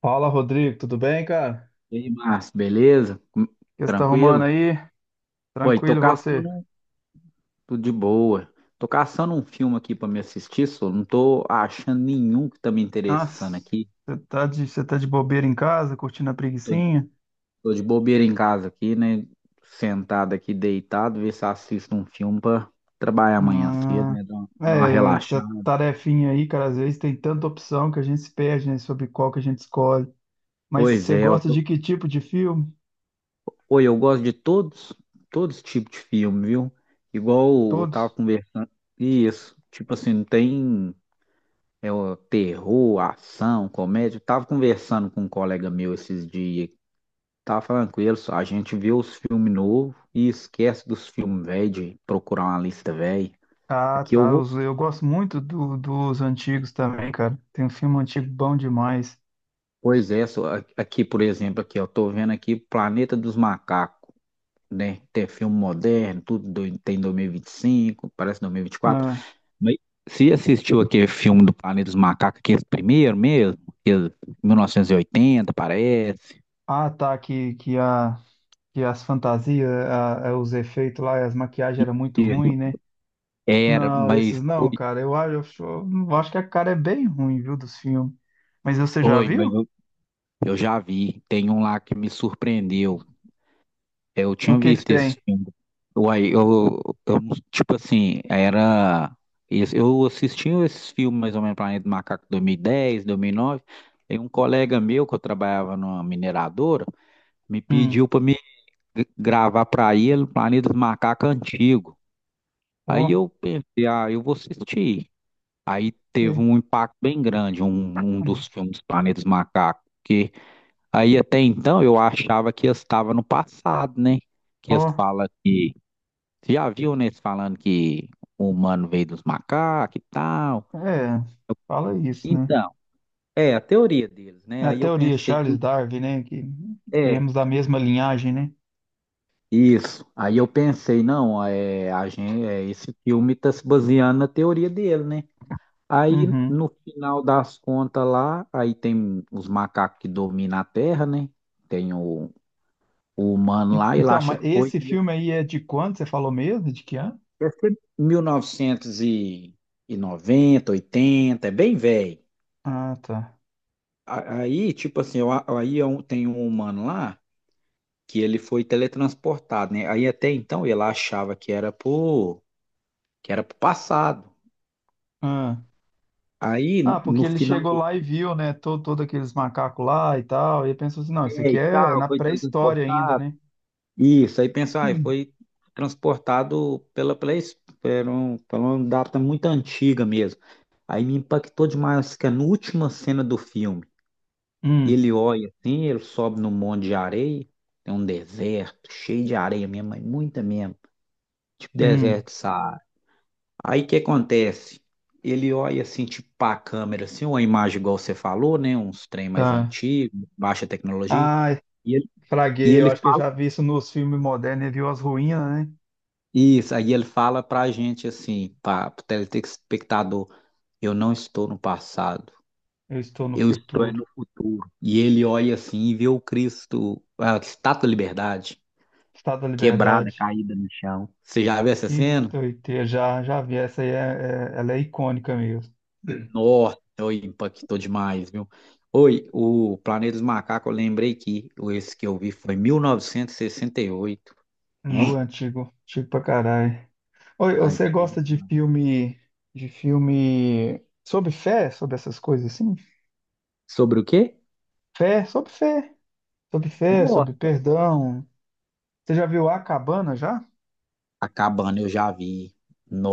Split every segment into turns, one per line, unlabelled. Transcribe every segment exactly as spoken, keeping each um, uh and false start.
Fala, Rodrigo, tudo bem, cara?
E aí, Márcio, beleza? Com-
O que você tá arrumando
Tranquilo?
aí?
Oi, tô
Tranquilo, você?
caçando tudo de boa. Tô caçando um filme aqui pra me assistir, só não tô achando nenhum que tá me
Nossa,
interessando aqui.
você tá de, você tá de bobeira em casa, curtindo a
Tô, de
preguicinha?
Tô de bobeira em casa aqui, né? Sentado aqui, deitado, ver se assisto um filme pra trabalhar amanhã cedo,
Ah,
né? Dar uma, dar uma
é, essa
relaxada.
tarefinha aí, cara, às vezes tem tanta opção que a gente se perde, né, sobre qual que a gente escolhe. Mas
Pois
você
é, eu
gosta
tô-
de que tipo de filme?
Oi, eu gosto de todos, todos os tipos de filme, viu? Igual eu tava
Todos?
conversando. Isso, tipo assim, não tem. É o terror, ação, comédia. Eu tava conversando com um colega meu esses dias. Tava falando com ele, só, a gente vê os filmes novos e esquece dos filmes velhos, de procurar uma lista velha.
Ah,
Aqui eu
tá,
vou.
os- eu gosto muito do- dos antigos também, cara. Tem um filme antigo bom demais.
Pois é, só, a- aqui, por exemplo, aqui, eu tô vendo aqui Planeta dos Macacos, né? Tem filme moderno, tudo do- tem dois mil e vinte e cinco, parece dois mil e vinte e quatro.
Ah,
Mas você assistiu aquele filme do Planeta dos Macacos, aquele primeiro mesmo? Aquele mil novecentos e oitenta, parece.
ah tá, que, que a que as fantasias, a- a- os efeitos lá, as maquiagens eram muito ruim, né?
Era,
Não,
mas
esses
oi,
não, cara. Eu acho, eu acho eu acho que a cara é bem ruim, viu, dos filmes. Mas você já
oi, mas
viu?
eu, eu já vi. Tem um lá que me surpreendeu. Eu
O
tinha
que que
visto esse
tem?
filme. Uai, eu, eu tipo assim, era. Esse- Eu assistia esses filmes mais ou menos Planeta do Macaco dois mil e dez, dois mil e nove. E dez, dois mil e nove. E um colega meu que eu trabalhava numa mineradora me
Hum.
pediu para me g- gravar para ele o Planeta do Macaco antigo. Aí
Ó,
eu pensei, ah, eu vou assistir. Aí teve
é,
um impacto bem grande, um, um dos filmes Planetas Macacos. Aí até então eu achava que eu estava no passado, né? Que eles
ó,
falam que. Você já viu, né? Eles falando que o humano veio dos macacos e tal.
é, fala isso, né?
Então, é a teoria deles, né?
É a
Aí eu
teoria
pensei
Charles
que.
Darwin, né? Que
É,
viemos da mesma linhagem, né?
isso. Aí eu pensei, não, é, a gente, é, esse filme está se baseando na teoria dele, né? Aí
Uhum.
no final das contas lá, aí tem os macacos que dominam a Terra, né? Tem o, o humano
En-
lá, ele
Então,
acha
mas
que foi.
esse
Né?
filme aí é de quando? Você falou mesmo? De que ano?
Deve ser mil novecentos e noventa, oitenta, é bem velho.
Ah, tá.
A- Aí, tipo assim, eu, aí é um- tem um humano lá que ele foi teletransportado, né? Aí até então ele achava que era pro, que era pro passado.
Ah.
Aí,
Ah, porque
no
ele
final
chegou
do
lá e viu, né, todo, todo aqueles macacos lá e tal, e ele pensou assim, não, isso
dia
aqui
e
é
tal,
na
foi
pré-história ainda,
teletransportado.
né?
Isso, aí pensou, ah, foi transportado pela, pela, es- pela, um- pela uma data muito antiga mesmo. Aí me impactou demais, que é na última cena do filme. E
Hum,
ele olha assim, ele sobe num monte de areia, tem um deserto cheio de areia mesmo, mas muita mesmo, tipo
hum, hum,
deserto de Saara. Aí o que acontece? Ele olha assim, tipo para a câmera, assim, uma imagem igual você falou, né? Uns trem mais
tá.
antigos, baixa tecnologia.
Ai,
E ele, e
fraguei, eu
ele
acho que eu
fala
já vi isso nos filmes modernos, ele viu as ruínas, né?
isso, aí ele fala pra gente assim, para o telespectador, eu não estou no passado,
Eu estou no
eu estou é
futuro,
no futuro. E ele olha assim e vê o Cristo, a Estátua da Liberdade.
Estado da
Quebrada,
Liberdade,
caída no chão. Você já viu essa
que
cena?
doideira, já, já vi, essa aí é, é- ela é icônica mesmo,
Nossa, oi, impactou demais, viu? Oi, o Planeta dos Macacos, eu lembrei que o- esse que eu vi foi mil novecentos e sessenta e oito.
no
É?
antigo, antigo pra caralho. Oi, você
Antigo.
gosta de filme, de filme sobre fé, sobre essas coisas assim?
Sobre o quê?
Fé, sobre fé. Sobre fé, sobre
Gosta.
perdão. Você já viu A Cabana já?
A cabana eu já vi.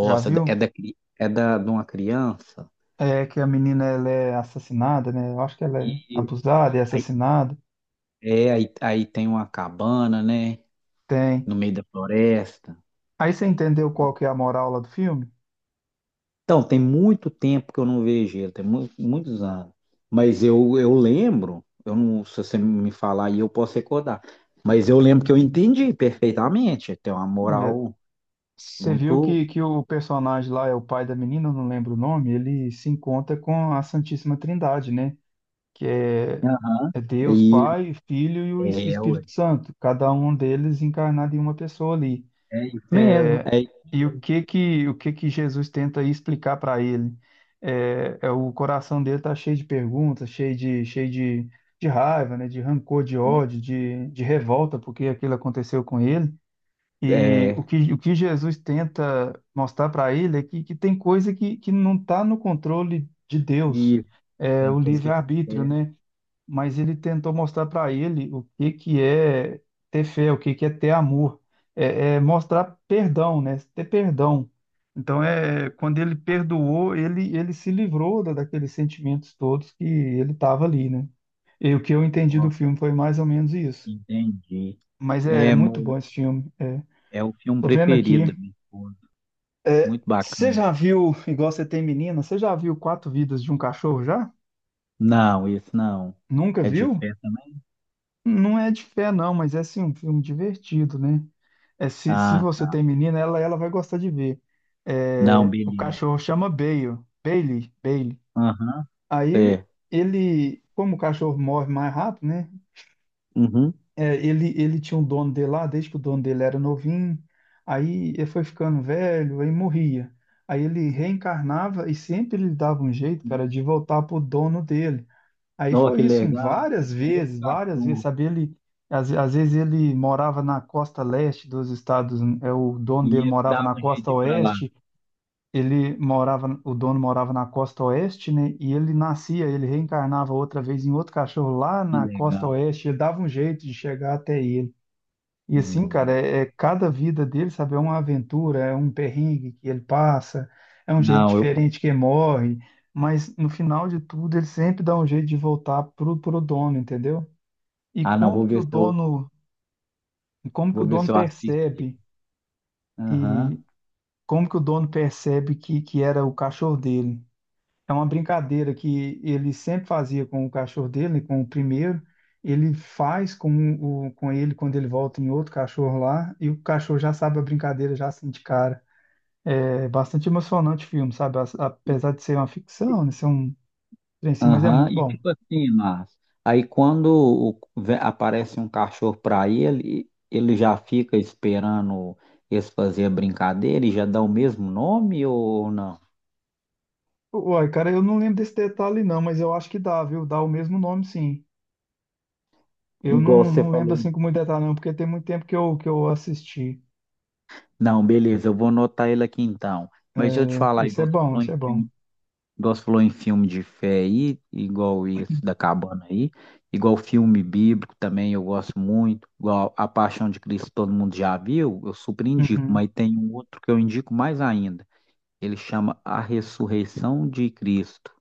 Já viu?
é da, cri- é da, de uma criança.
É que a menina ela é assassinada, né? Eu acho que ela
E
é abusada e
aí,
assassinada.
é, aí, aí tem uma cabana, né?
Tem.
No meio da floresta.
Aí você entendeu qual que é a moral lá do filme?
Então, tem muito tempo que eu não vejo ele, tem mu- muitos anos. Mas eu, eu lembro, eu não, se você me falar aí, eu posso recordar. Mas eu lembro que eu entendi perfeitamente. Tem uma
É,
moral
você viu
muito.
que, que o personagem lá é o pai da menina, eu não lembro o nome, ele se encontra com a Santíssima Trindade, né? Que é,
Aham.
é Deus,
E
Pai, Filho e o Es-
é, ué,
Espírito Santo, cada um deles encarnado em uma pessoa ali.
é isso mesmo.
É,
É,
e o que que o que que Jesus tenta aí explicar para ele? É, é, o coração dele tá cheio de perguntas, cheio de cheio de, de, raiva, né? De rancor, de ódio, de, de revolta porque aquilo aconteceu com ele. E o
é
que o que Jesus tenta mostrar para ele é que, que tem coisa que que não está no controle de Deus,
isso.
é
Tem
o
coisa que eu
livre-arbítrio,
quero,
né? Mas ele tentou mostrar para ele o que que é ter fé, o que que é ter amor, é, é mostrar perdão, né? Ter perdão. Então é quando ele perdoou, ele ele se livrou da, daqueles sentimentos todos que ele estava ali, né? E o que eu entendi do
ó,
filme foi mais ou menos isso.
entendi.
Mas é é
É,
muito
mo-
bom esse filme. É.
é o filme
Tô vendo
preferido
aqui.
da minha esposa.
É,
Muito
você
bacana.
já viu, igual você tem menina, você já viu Quatro Vidas de um Cachorro já?
Não, isso não.
Nunca
É de
viu?
festa, né?
Não é de fé, não, mas é assim, um filme divertido, né? É, se, se
Ah,
você
tá.
tem menina, ela, ela vai gostar de ver.
Não,
É, o
beleza.
cachorro chama Bale, Bailey, Bailey.
Aham,
Aí
sei.
ele, como o cachorro morre mais rápido, né?
Uhum.
É, ele, ele tinha um dono dele lá, desde que o dono dele era novinho. Aí ele foi ficando velho, aí morria. Aí ele reencarnava e sempre ele dava um jeito, cara, de voltar pro dono dele. Aí
Nossa, que
foi isso,
legal.
várias
Com outro
vezes, várias vezes,
cachorro.
sabe? Ele, às, às vezes ele morava na costa leste dos Estados, é o
E
dono dele
ele
morava
dava
na
um jeito
costa
de ir pra lá.
oeste, ele morava, o dono morava na costa oeste, né? E ele nascia, ele reencarnava outra vez em outro cachorro lá
Que
na costa
legal.
oeste, ele dava um jeito de chegar até ele. E assim, cara,
Não,
é, é cada vida dele, sabe, é uma aventura, é um perrengue que ele passa, é um jeito
Não, eu.
diferente que ele morre, mas no final de tudo ele sempre dá um jeito de voltar pro, pro dono, entendeu? E
Ah, não,
como
vou
que
ver
o
se eu,
dono, como que o
vou ver
dono
se eu assisto. Ele.
percebe
Aham,
e como que o dono percebe que, que era o cachorro dele? É uma brincadeira que ele sempre fazia com o cachorro dele, com o primeiro. Ele faz com, o, com ele quando ele volta em outro cachorro lá, e o cachorro já sabe a brincadeira, já sente cara. É bastante emocionante o filme, sabe? As- Apesar de ser uma ficção, né? Ser um trem assim, mas é
aham.
muito
E
bom.
tipo assim, Márcio, aí quando o- ve- aparece um cachorro pra ele, ele já fica esperando eles fazer a brincadeira e já dá o mesmo nome ou não?
Uai, cara, eu não lembro desse detalhe não, mas eu acho que dá, viu? Dá o mesmo nome, sim. Eu
Igual
não,
você
não lembro
falou.
assim com muito detalhe não, porque tem muito tempo que eu, que eu assisti.
Não, beleza, eu vou anotar ele aqui então. Mas deixa eu te
É,
falar,
esse é
igual você
bom,
falou
esse
em
é bom.
filme Igual você falou em filme de fé aí, igual esse da cabana aí, igual filme bíblico também eu gosto muito, igual A Paixão de Cristo todo mundo já viu, eu super indico,
Uhum.
mas tem um outro que eu indico mais ainda. Ele chama A Ressurreição de Cristo.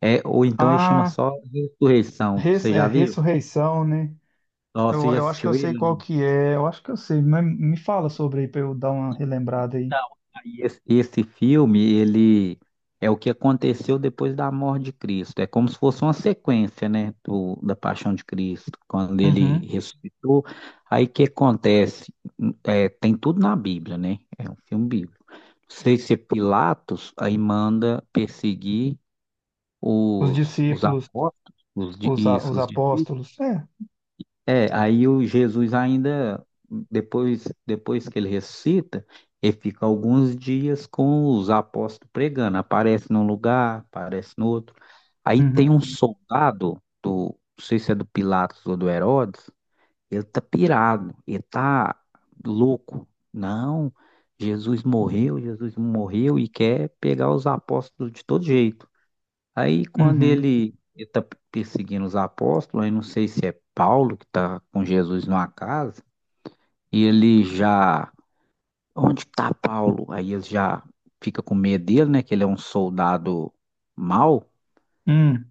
É, ou então ele chama
Ah.
só Ressurreição.
Res-
Você
é,
já viu?
Ressurreição, né?
Ó,
Eu,
você já
eu acho que eu
assistiu
sei qual
ele?
que é, eu acho que eu sei, mas me fala sobre aí para eu dar uma relembrada aí.
Então, aí esse, esse filme, ele é o que aconteceu depois da morte de Cristo. É como se fosse uma sequência, né, do, da Paixão de Cristo, quando ele
Uhum.
ressuscitou. Aí o que acontece? É, tem tudo na Bíblia, né? É um filme bíblico. Não sei se é Pilatos, aí manda perseguir
Os
os, os
discípulos,
apóstolos, os, di-
os, a-
isso,
os
os discípulos.
apóstolos, é.
É, aí o Jesus ainda, depois, depois que ele ressuscita, ele fica alguns dias com os apóstolos pregando. Aparece num lugar, aparece no outro. Aí tem um
Uhum.
soldado, do, não sei se é do Pilatos ou do Herodes, ele tá pirado, ele tá louco. Não, Jesus morreu, Jesus morreu e quer pegar os apóstolos de todo jeito. Aí quando
Uhum.
ele está perseguindo os apóstolos, aí não sei se é Paulo que está com Jesus numa casa, e ele já, onde está Paulo? Aí ele já fica com medo dele, né? Que ele é um soldado mau,
Hum.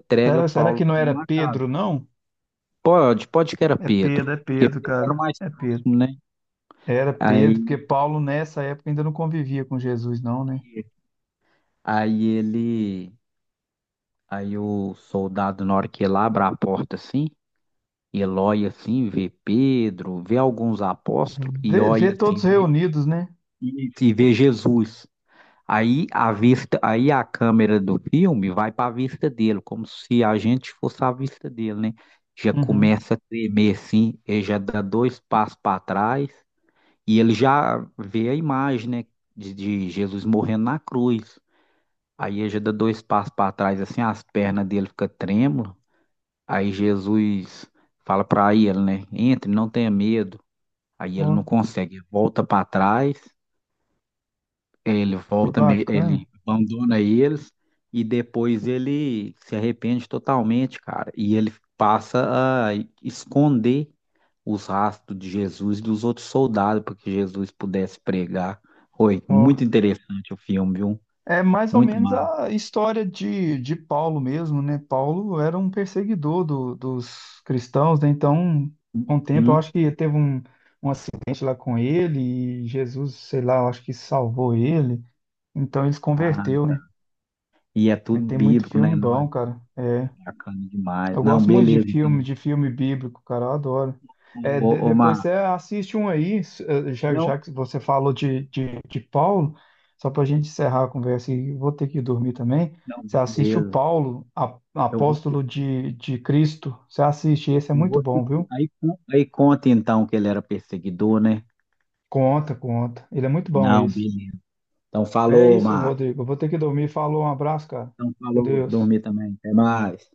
entrega
Será, será
Paulo
que
que
não
tá
era
numa casa.
Pedro, não?
Pode, pode que era
É Pedro,
Pedro,
é
porque
Pedro,
Pedro era o
cara.
mais
É Pedro.
próximo, né?
Era Pedro,
Aí,
porque Paulo nessa época ainda não convivia com Jesus, não, né?
aí ele, aí o soldado, na hora que ele abre a porta assim, ele olha assim, vê Pedro, vê alguns apóstolos e
Vê, vê
olha assim,
todos
vê.
reunidos, né?
Isso, e vê Jesus. Aí a vista, aí a câmera do filme vai para a vista dele, como se a gente fosse a vista dele, né? Já
Uhum.
começa a tremer assim, ele já dá dois passos para trás e ele já vê a imagem, né, de, de Jesus morrendo na cruz. Aí ele já dá dois passos para trás assim, as pernas dele ficam trêmulas. Aí Jesus fala para ele, né, entre, não tenha medo. Aí ele não
Ó,
consegue, volta para trás. Ele
que
volta, me-
bacana.
ele abandona eles e depois ele se arrepende totalmente, cara. E ele passa a esconder os rastros de Jesus e dos outros soldados para que Jesus pudesse pregar. Foi
Ó.
muito interessante o filme, viu?
É mais ou
Muito
menos
massa.
a história de, de Paulo mesmo, né? Paulo era um perseguidor do- dos cristãos, né? Então, com o tempo, eu
Hum?
acho que teve um, um acidente lá com ele e Jesus, sei lá, eu acho que salvou ele. Então, ele se
Ah,
converteu, né?
e é
Mas
tudo
tem muito
bíblico, né?
filme
Não é
bom, cara. É.
bacana demais.
Eu
Não,
gosto muito de
beleza, então.
filme, de filme bíblico, cara, eu adoro. É, de-
Ô, ô,
depois
Mar,
você assiste um aí, s- eh, já,
não,
já que você falou de, de, de Paulo, só para a gente encerrar a conversa e vou ter que dormir também.
não,
Você assiste o
beleza.
Paulo, a-
Eu vou,
apóstolo de, de Cristo. Você assiste, esse é
eu
muito
vou,
bom, viu?
aí, con- aí conta então que ele era perseguidor, né?
Conta, conta. Ele é muito bom,
Não,
esse.
beleza. Então
É
falou,
isso,
Mar.
Rodrigo. Eu vou ter que dormir. Falou, um abraço, cara.
Então
Com
falou,
Deus.
dormir também. Até mais.